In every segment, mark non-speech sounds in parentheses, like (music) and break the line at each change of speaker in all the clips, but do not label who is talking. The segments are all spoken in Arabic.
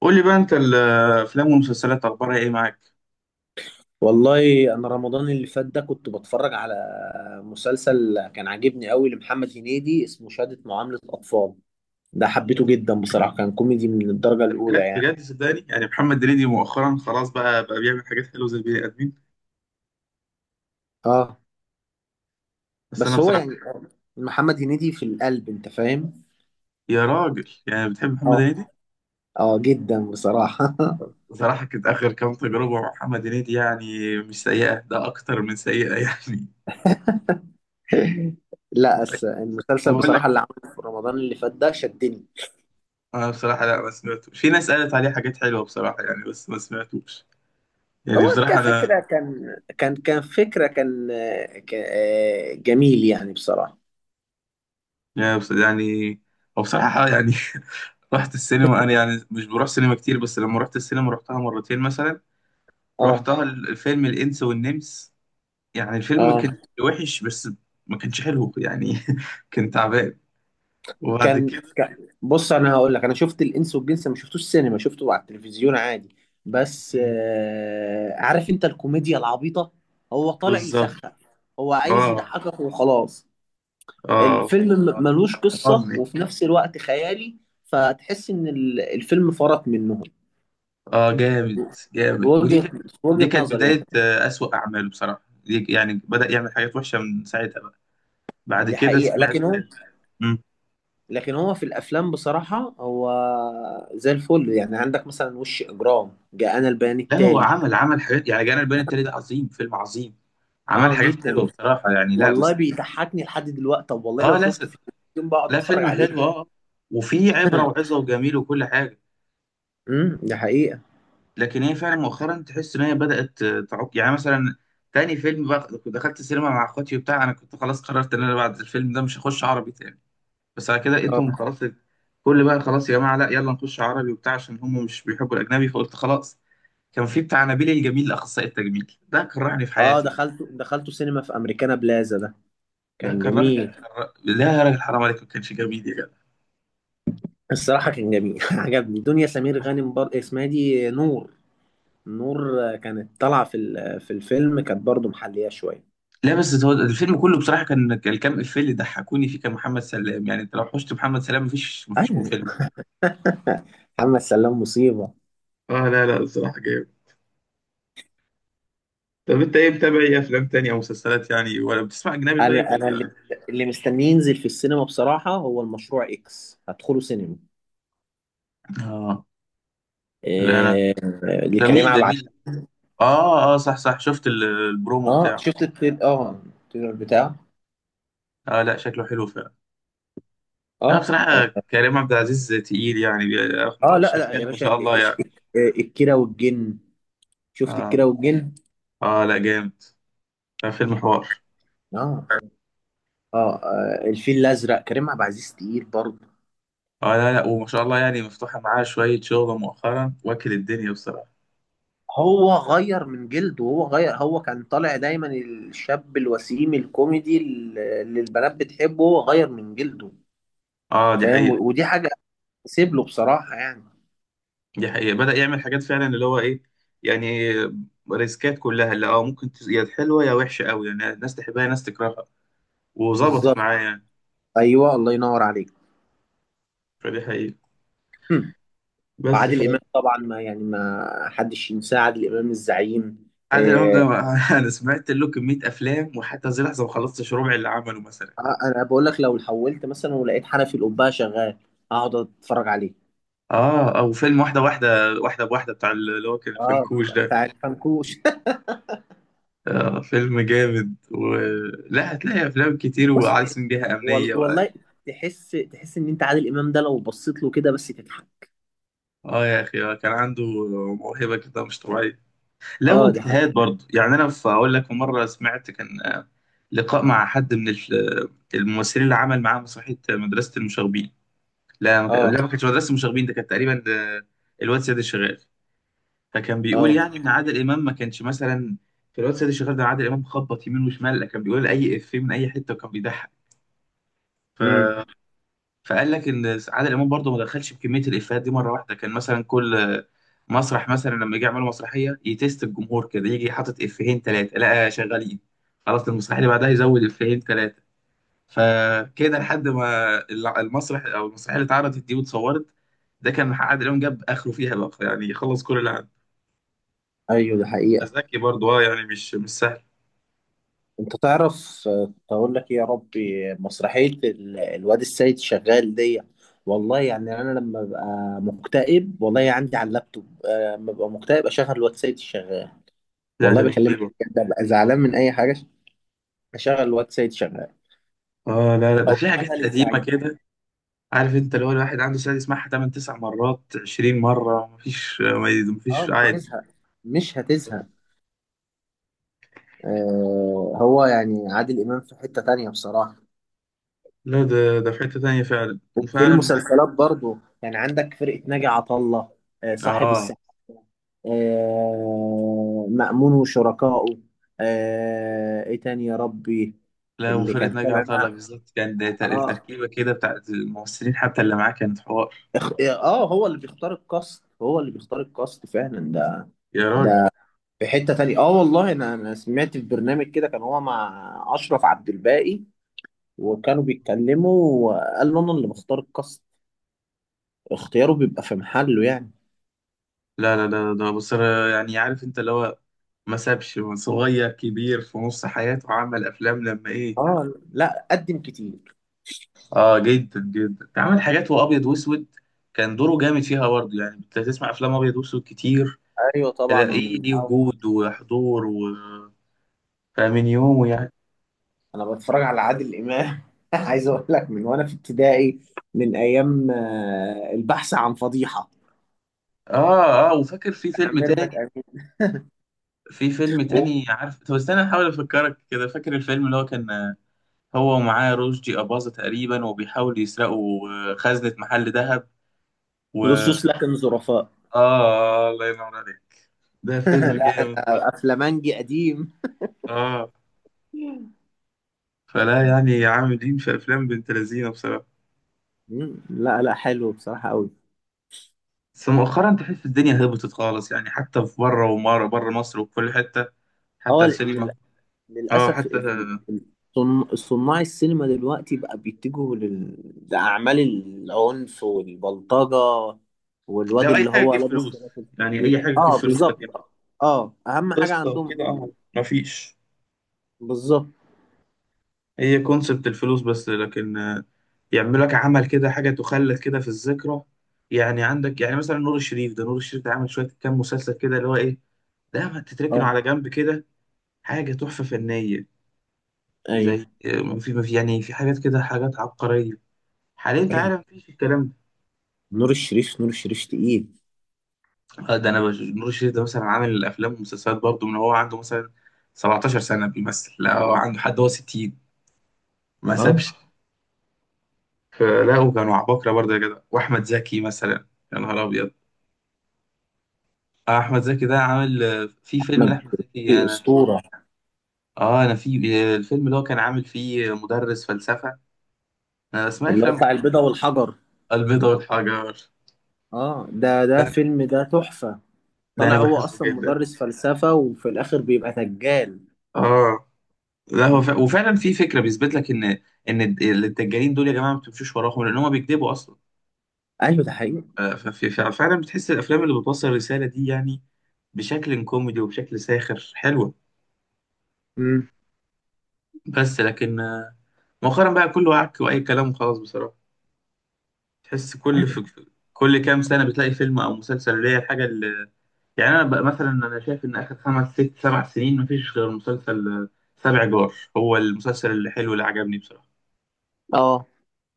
قول لي بقى، انت الافلام والمسلسلات اخبارها ايه معاك؟
والله انا رمضان اللي فات ده كنت بتفرج على مسلسل كان عاجبني قوي لمحمد هنيدي، اسمه شهادة معاملة اطفال. ده حبيته
يلا.
جدا بصراحة، كان كوميدي من الدرجة
ده
الاولى
بجد
يعني.
بجد، صدقني يعني محمد هنيدي مؤخرا خلاص بقى بيعمل حاجات حلوه زي البني ادمين.
اه.
بس انا
بس هو يعني
بصراحه.
محمد هنيدي في القلب، انت فاهم.
يا راجل، يعني بتحب محمد
اه.
هنيدي؟
اه جدا بصراحة.
بصراحه كانت اخر كام تجربه مع محمد هنيدي يعني مش سيئه، ده اكتر من سيئه يعني.
(laughs) لا أس...
(laughs) طب
المسلسل
اقول
بصراحة
لك،
اللي عمله في رمضان اللي فات ده شدني.
انا بصراحه لا، ما سمعتوش، في ناس قالت عليه حاجات حلوه بصراحه يعني، بس ما سمعتوش. يعني
هو
بصراحه
كفكرة
انا،
كان فكرة كان آه، ك... آه، جميل يعني بصراحة.
يعني يعني. هو بصراحه يعني. (laughs) رحت السينما انا، يعني مش بروح سينما كتير، بس لما رحت السينما رحتها مرتين مثلا.
اه.
رحتها الفيلم الانس والنمس. يعني الفيلم ما كانش
اه.
وحش، بس ما كانش حلو يعني. (laughs) كان تعبان. وبعد كده.
بص، انا هقول لك، انا شفت الانس والجنس، ما شفتوش سينما، شفته على التلفزيون عادي. بس
مم.
عارف انت الكوميديا العبيطه، هو طالع
بالظبط.
يسخف، هو عايز
اه
يضحكك وخلاص.
اه.
الفيلم
آه.
ملوش قصه
حفظني.
وفي نفس الوقت خيالي. فتحس ان الفيلم فرط منهم في
اه جامد. جامد، ودي
وجهه.
كانت.
في
دي
وجهه
كانت
نظر يعني.
بداية أسوأ أعماله بصراحة دي، يعني بدأ يعمل حاجات وحشة من ساعتها بقى. بعد
دي
كده
حقيقه،
سمعت
لكن هو،
مم.
لكن هو في الافلام بصراحه، هو زي الفل. يعني عندك مثلا وش اجرام، جاءنا البيان
لا، هو
التالي.
عمل حاجات يعني. جانا البيان التالي ده عظيم، فيلم عظيم. عمل
اه
حاجات حلوه
جدا.
بصراحه يعني، لا
والله
بس.
بيضحكني لحد دلوقتي، طب والله لو
اه
شفته في التلفزيون بقعد
لا
اتفرج
فيلم
عليه.
حلو اه، وفيه عبره
(laughs)
وعظه وجميل وكل حاجه.
ده حقيقة.
لكن هي فعلا مؤخرا تحس ان هي بدات تعك يعني. مثلا تاني فيلم بقى دخلت السينما مع اخواتي وبتاع، انا كنت خلاص قررت ان انا بعد الفيلم ده مش هخش عربي تاني. بس على كده لقيتهم
اه.
خلاص، كل بقى خلاص يا جماعه، لا يلا نخش عربي وبتاع عشان هم مش بيحبوا الاجنبي، فقلت خلاص. كان في بتاع نبيل الجميل اخصائي التجميل، ده كرهني في
اه
حياتي.
دخلته سينما في امريكانا بلازا ده،
ده
كان
كرهني.
جميل.
لا يا راجل، حرام عليك، ما كانش جميل يا جدع.
(laughs) الصراحة كان جميل. (laughs) عجبني دنيا سمير غانم، اسمها إيه دي، نور. نور. كانت طالعة في في الفيلم، كانت برضو محلية شوية.
لا بس هو الفيلم كله بصراحه كان الكام افيه اللي ضحكوني فيه كان محمد سلام، يعني انت لو حشت محمد سلام مفيش مو
ايوه.
فيلم.
(laughs) محمد سلام مصيبة.
اه لا لا، الصراحه جامد. طب انت ايه، متابع ايه افلام تانية او مسلسلات يعني، ولا بتسمع اجنبي،
انا
طيب
انا اللي
ولا؟
اللي مستني ينزل في السينما بصراحة هو المشروع اكس، هدخله سينما.
اه لا، انا.
إيه... لكريم
جميل
عبد.
جميل. اه اه، صح صح، شفت البرومو
اه،
بتاعه؟
شفت التريلر بتاعه.
اه لا، شكله حلو فعلا. لا
اه.
بصراحه كريم عبد العزيز تقيل، يعني
اه، لا لا يا
شغال ما
باشا،
شاء الله يعني.
إيه، الكيرة والجن. شفت
اه
الكيرة والجن.
اه لا جامد. لا، فيلم حوار.
اه. اه الفيل الازرق، كريم عبد العزيز تقيل برضه.
اه لا لا، وما شاء الله يعني مفتوحة معاه شوية شغل مؤخرا، واكل الدنيا بصراحة.
هو غير من جلده، هو غير هو كان طالع دايما الشاب الوسيم الكوميدي اللي البنات بتحبه، هو غير من جلده،
اه دي
فاهم.
حقيقة.
ودي حاجة، سيب له بصراحة يعني.
دي حقيقة بدأ يعمل حاجات فعلا اللي هو ايه، يعني ريسكات كلها اللي اه ممكن يا حلوة يا وحشة قوي، يعني ناس تحبها ناس تكرهها. وظبطت
بالظبط.
معاه يعني.
ايوه الله ينور عليك.
فدي حقيقة.
هم.
بس
عادل امام طبعا، ما يعني ما حدش ينساه، عادل امام الزعيم.
عادل إمام ده
آه.
(laughs) انا سمعت له كمية افلام، وحتى زي لحظة ما خلصتش ربع اللي عمله مثلا.
انا بقول لك، لو حولت مثلا ولقيت حنفي القبه شغال، اقعد اتفرج عليه.
اه، او فيلم واحدة واحدة، واحدة بواحدة بتاع، اللي هو كان
اه
الفنكوش ده.
بتاع الفنكوش. (laughs)
آه فيلم جامد لا هتلاقي افلام كتير
بص،
وعايزين بيها امنيه
والله تحس ان انت عادل امام ده لو بصيت له كده بس تضحك.
اه يا اخي، كان عنده موهبه كده مش طبيعيه. لو
اه دي
اجتهاد
حقيقة.
برضه يعني، انا اقول لك مره سمعت كان، لقاء مع حد من الممثلين اللي عمل معاه مسرحيه مدرسه المشاغبين.
اه.
لا ما كانتش مدرسه المشاغبين، ده كانت تقريبا ده الواد سيد الشغال. فكان بيقول
اه.
يعني ان عادل امام ما كانش مثلا في الواد سيد الشغال ده، عادل امام خبط يمين وشمال، لا كان بيقول اي افيه من اي حته وكان بيضحك.
امم.
فقال لك عادل امام برضه ما دخلش بكميه الافيهات دي مره واحده، كان مثلا كل مسرح مثلا لما يجي يعملوا مسرحيه يتست الجمهور كده، يجي حاطط افيهين ثلاثه، لا شغالين، خلاص المسرحيه اللي بعدها يزود افيهين ثلاثه. فكده لحد ما المسرح او المسرحيه اللي اتعرضت دي واتصورت، ده كان عادل امام جاب اخره فيها بقى، يعني خلص كل اللي عنده.
ايوه دي حقيقة.
ذكي برضه اه، يعني مش سهل.
انت تعرف، اقول لك إيه يا ربي، مسرحية الواد السيد شغال دي. والله يعني انا لما ببقى مكتئب، والله عندي على اللابتوب، لما ببقى مكتئب اشغل الواد السيد الشغال.
لا
والله
ده
بكلمك
رهيب.
بجد، ببقى زعلان
اه،
من اي حاجة، اشغل الواد سيد شغال،
لا لا، ده
او
في حاجات
اشغل
قديمه
الزعيم.
كده. عارف انت، اللي هو الواحد عنده سعادة يسمعها 8 9 مرات 20 مرة، مفيش ما-
اه
مفيش
مش
عادي.
هتزهق. مش هتزهق. آه. هو يعني عادل امام في حتة تانية بصراحة.
لا ده في حتة تانية فعلا
في
وفعلا.
المسلسلات برضو، يعني عندك فرقة ناجي عطا الله، آه صاحب
اه
الساعة، آه مأمون وشركائه، آه ايه تاني يا ربي.
لا،
اللي
وفرقة
كان
ناجي
طالع
عطا الله
معاه.
بالظبط، كان ده
اه.
التركيبة كده بتاعت الممثلين، حتى اللي معاه كانت حوار.
اه هو اللي بيختار الكاست، هو اللي بيختار الكاست فعلا ده.
يا راجل،
في حتة تانية. اه والله انا، سمعت في برنامج كده كان هو مع اشرف عبد الباقي وكانوا بيتكلموا، وقال له انا اللي بختار الكاست. اختياره بيبقى في محله يعني.
لا لا لا، ده بص. يعني عارف انت اللي هو ما سابش صغير كبير، في نص حياته عمل افلام لما ايه.
اه لا قدم كتير.
اه جدا جدا، عمل حاجات وابيض واسود. كان دوره جامد فيها برضه، يعني انت تسمع افلام ابيض واسود كتير
ايوه طبعا
تلاقيه
من
ليه
أول.
وجود وحضور فمن يومه يعني.
انا بتفرج على عادل امام (laughs) عايز اقول لك، من وانا في ابتدائي، من ايام البحث عن فضيحة
اه اه، وفاكر في
بتاع
فيلم تاني.
ميرفت امين.
في فيلم تاني عارف، طب استنى احاول افكرك كده، فاكر الفيلم اللي هو كان هو ومعاه رشدي أباظة تقريبا، وبيحاولوا يسرقوا خزنة محل ذهب. و اه.
لصوص لكن ظرفاء.
الله ينور عليك. ده
(laughs)
فيلم
لا
جامد
انا
برضه.
افلامنجي قديم.
اه،
(laughs)
فلا يعني عاملين في افلام بنت لذينه بصراحه.
مم. لا لا حلو بصراحة قوي.
بس مؤخرا تحس الدنيا هبطت خالص يعني، حتى في بره، ومره بره مصر وفي كل حته، حتى في
اه
السينما. اه
للأسف،
حتى.
صناع السينما دلوقتي بقى بيتجهوا لأعمال العنف والبلطجة، والواد
لو اي
اللي
حاجه
هو
تجيب
لابس
فلوس،
سلاحف
يعني اي
كتير.
حاجه تجيب
اه
فلوس، لكن
بالظبط. اه أهم حاجة
قصه
عندهم
وكده
الفلوس.
اه. مفيش.
بالظبط.
هي كونسبت الفلوس بس، لكن يعملوا لك عمل كده حاجه تخلد كده في الذكرى. يعني عندك يعني مثلا نور الشريف ده، نور الشريف ده عامل شويه كام مسلسل كده اللي هو ايه، ده ما تتركنوا
اه.
على جنب كده، حاجه تحفه فنيه. زي
ايوه.
ما في يعني، في حاجات كده حاجات عبقريه. حاليا انت
ايوه
عارف مفيش الكلام.
نور الشريف. نور الشريف تقيل.
ده آه، ده انا بش... نور الشريف ده مثلا عامل الافلام والمسلسلات برضه من هو عنده مثلا 17 سنه بيمثل، لا هو عنده حد هو 60، ما
اه
سابش. فلاقوا كانوا عباقرة برضه يا جدع، وأحمد زكي مثلا. يا نهار أبيض. أحمد زكي ده عامل، في فيلم
أحمد
لأحمد زكي
مكي
أنا،
أسطورة.
أنا في، الفيلم اللي هو كان عامل فيه مدرس فلسفة. أنا أسمع
اللي هو
الأفلام
بتاع
بتوع
البيضة
عامل
والحجر.
البيضة والحجر.
اه، ده ده فيلم، ده تحفة.
ده
طلع
أنا
هو
بحبه
أصلا
جدا.
مدرس فلسفة وفي الآخر بيبقى دجال.
آه لا هو
مم.
وفعلا في فكرة بيثبت لك إن الدجالين دول يا جماعة، ما بتمشوش وراهم لأن هم بيكذبوا أصلا.
ايوه ده حقيقي.
فعلا بتحس الأفلام اللي بتوصل الرسالة دي يعني بشكل كوميدي وبشكل ساخر حلوة.
مم.
بس لكن مؤخرا بقى كله عك واي كلام وخلاص بصراحه. تحس كل كل كام سنه بتلاقي فيلم او مسلسل اللي هي الحاجه اللي، يعني انا بقى مثلا انا شايف ان اخر خمس ست سبع سنين مفيش غير مسلسل، سبع جار، هو المسلسل اللي حلو اللي عجبني بصراحه.
اه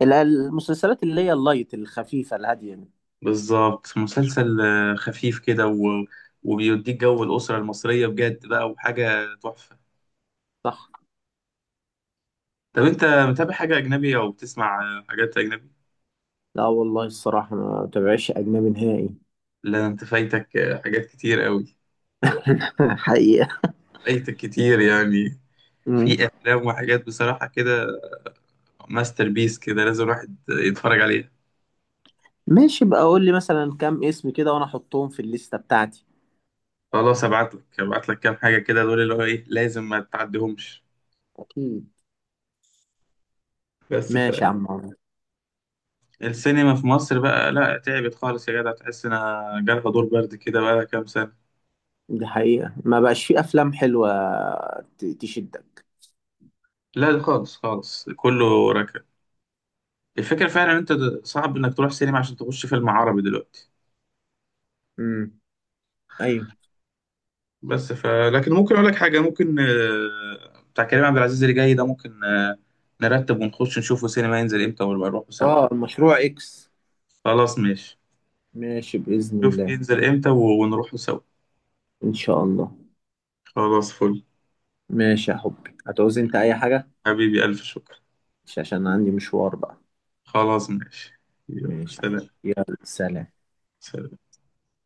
المسلسلات اللي هي اللايت الخفيفة الهادية دي.
بالظبط مسلسل خفيف كده وبيديك جو الاسره المصريه بجد بقى، وحاجه تحفه.
صح.
طب انت متابع حاجه اجنبي او بتسمع حاجات اجنبي؟
لا والله الصراحة ما بتابعش أجنبي نهائي.
لا انت فايتك حاجات كتير قوي.
(laughs) حقيقة.
فايتك كتير يعني.
مم.
في افلام وحاجات بصراحه كده، ماستر بيس كده، لازم الواحد يتفرج عليها.
ماشي بقى، قول لي مثلا كام اسم كده وأنا أحطهم في الليستة بتاعتي.
خلاص، ابعت لك كام حاجه كده، دول اللي هو ايه لازم ما تعديهمش.
أكيد.
بس،
ماشي يا عم عمرو.
فالسينما في مصر بقى لا تعبت خالص يا جدع، تحس انها جالها دور برد كده بقى لها كام سنه.
دي حقيقة، ما بقاش في أفلام حلوة تشدك.
لا ده خالص خالص كله ركب. الفكره فعلا انت صعب انك تروح سينما عشان تخش فيلم عربي دلوقتي.
مم. أيوه.
بس لكن ممكن اقول لك حاجه، ممكن، بتاع كريم عبد العزيز اللي جاي ده، ممكن نرتب ونخش نشوفه سينما ينزل امتى ونبقى نروحه سوا.
آه المشروع إكس.
خلاص ماشي.
ماشي بإذن
شوف
الله.
ينزل امتى ونروحوا سوا.
إن شاء الله.
خلاص فل.
ماشي يا حبي، هتعوز أنت أي حاجة؟
حبيبي ألف شكر.
مش عشان عندي مشوار بقى.
خلاص ماشي. يلا
ماشي يا حبي.
سلام.
يلا سلام.
سلام.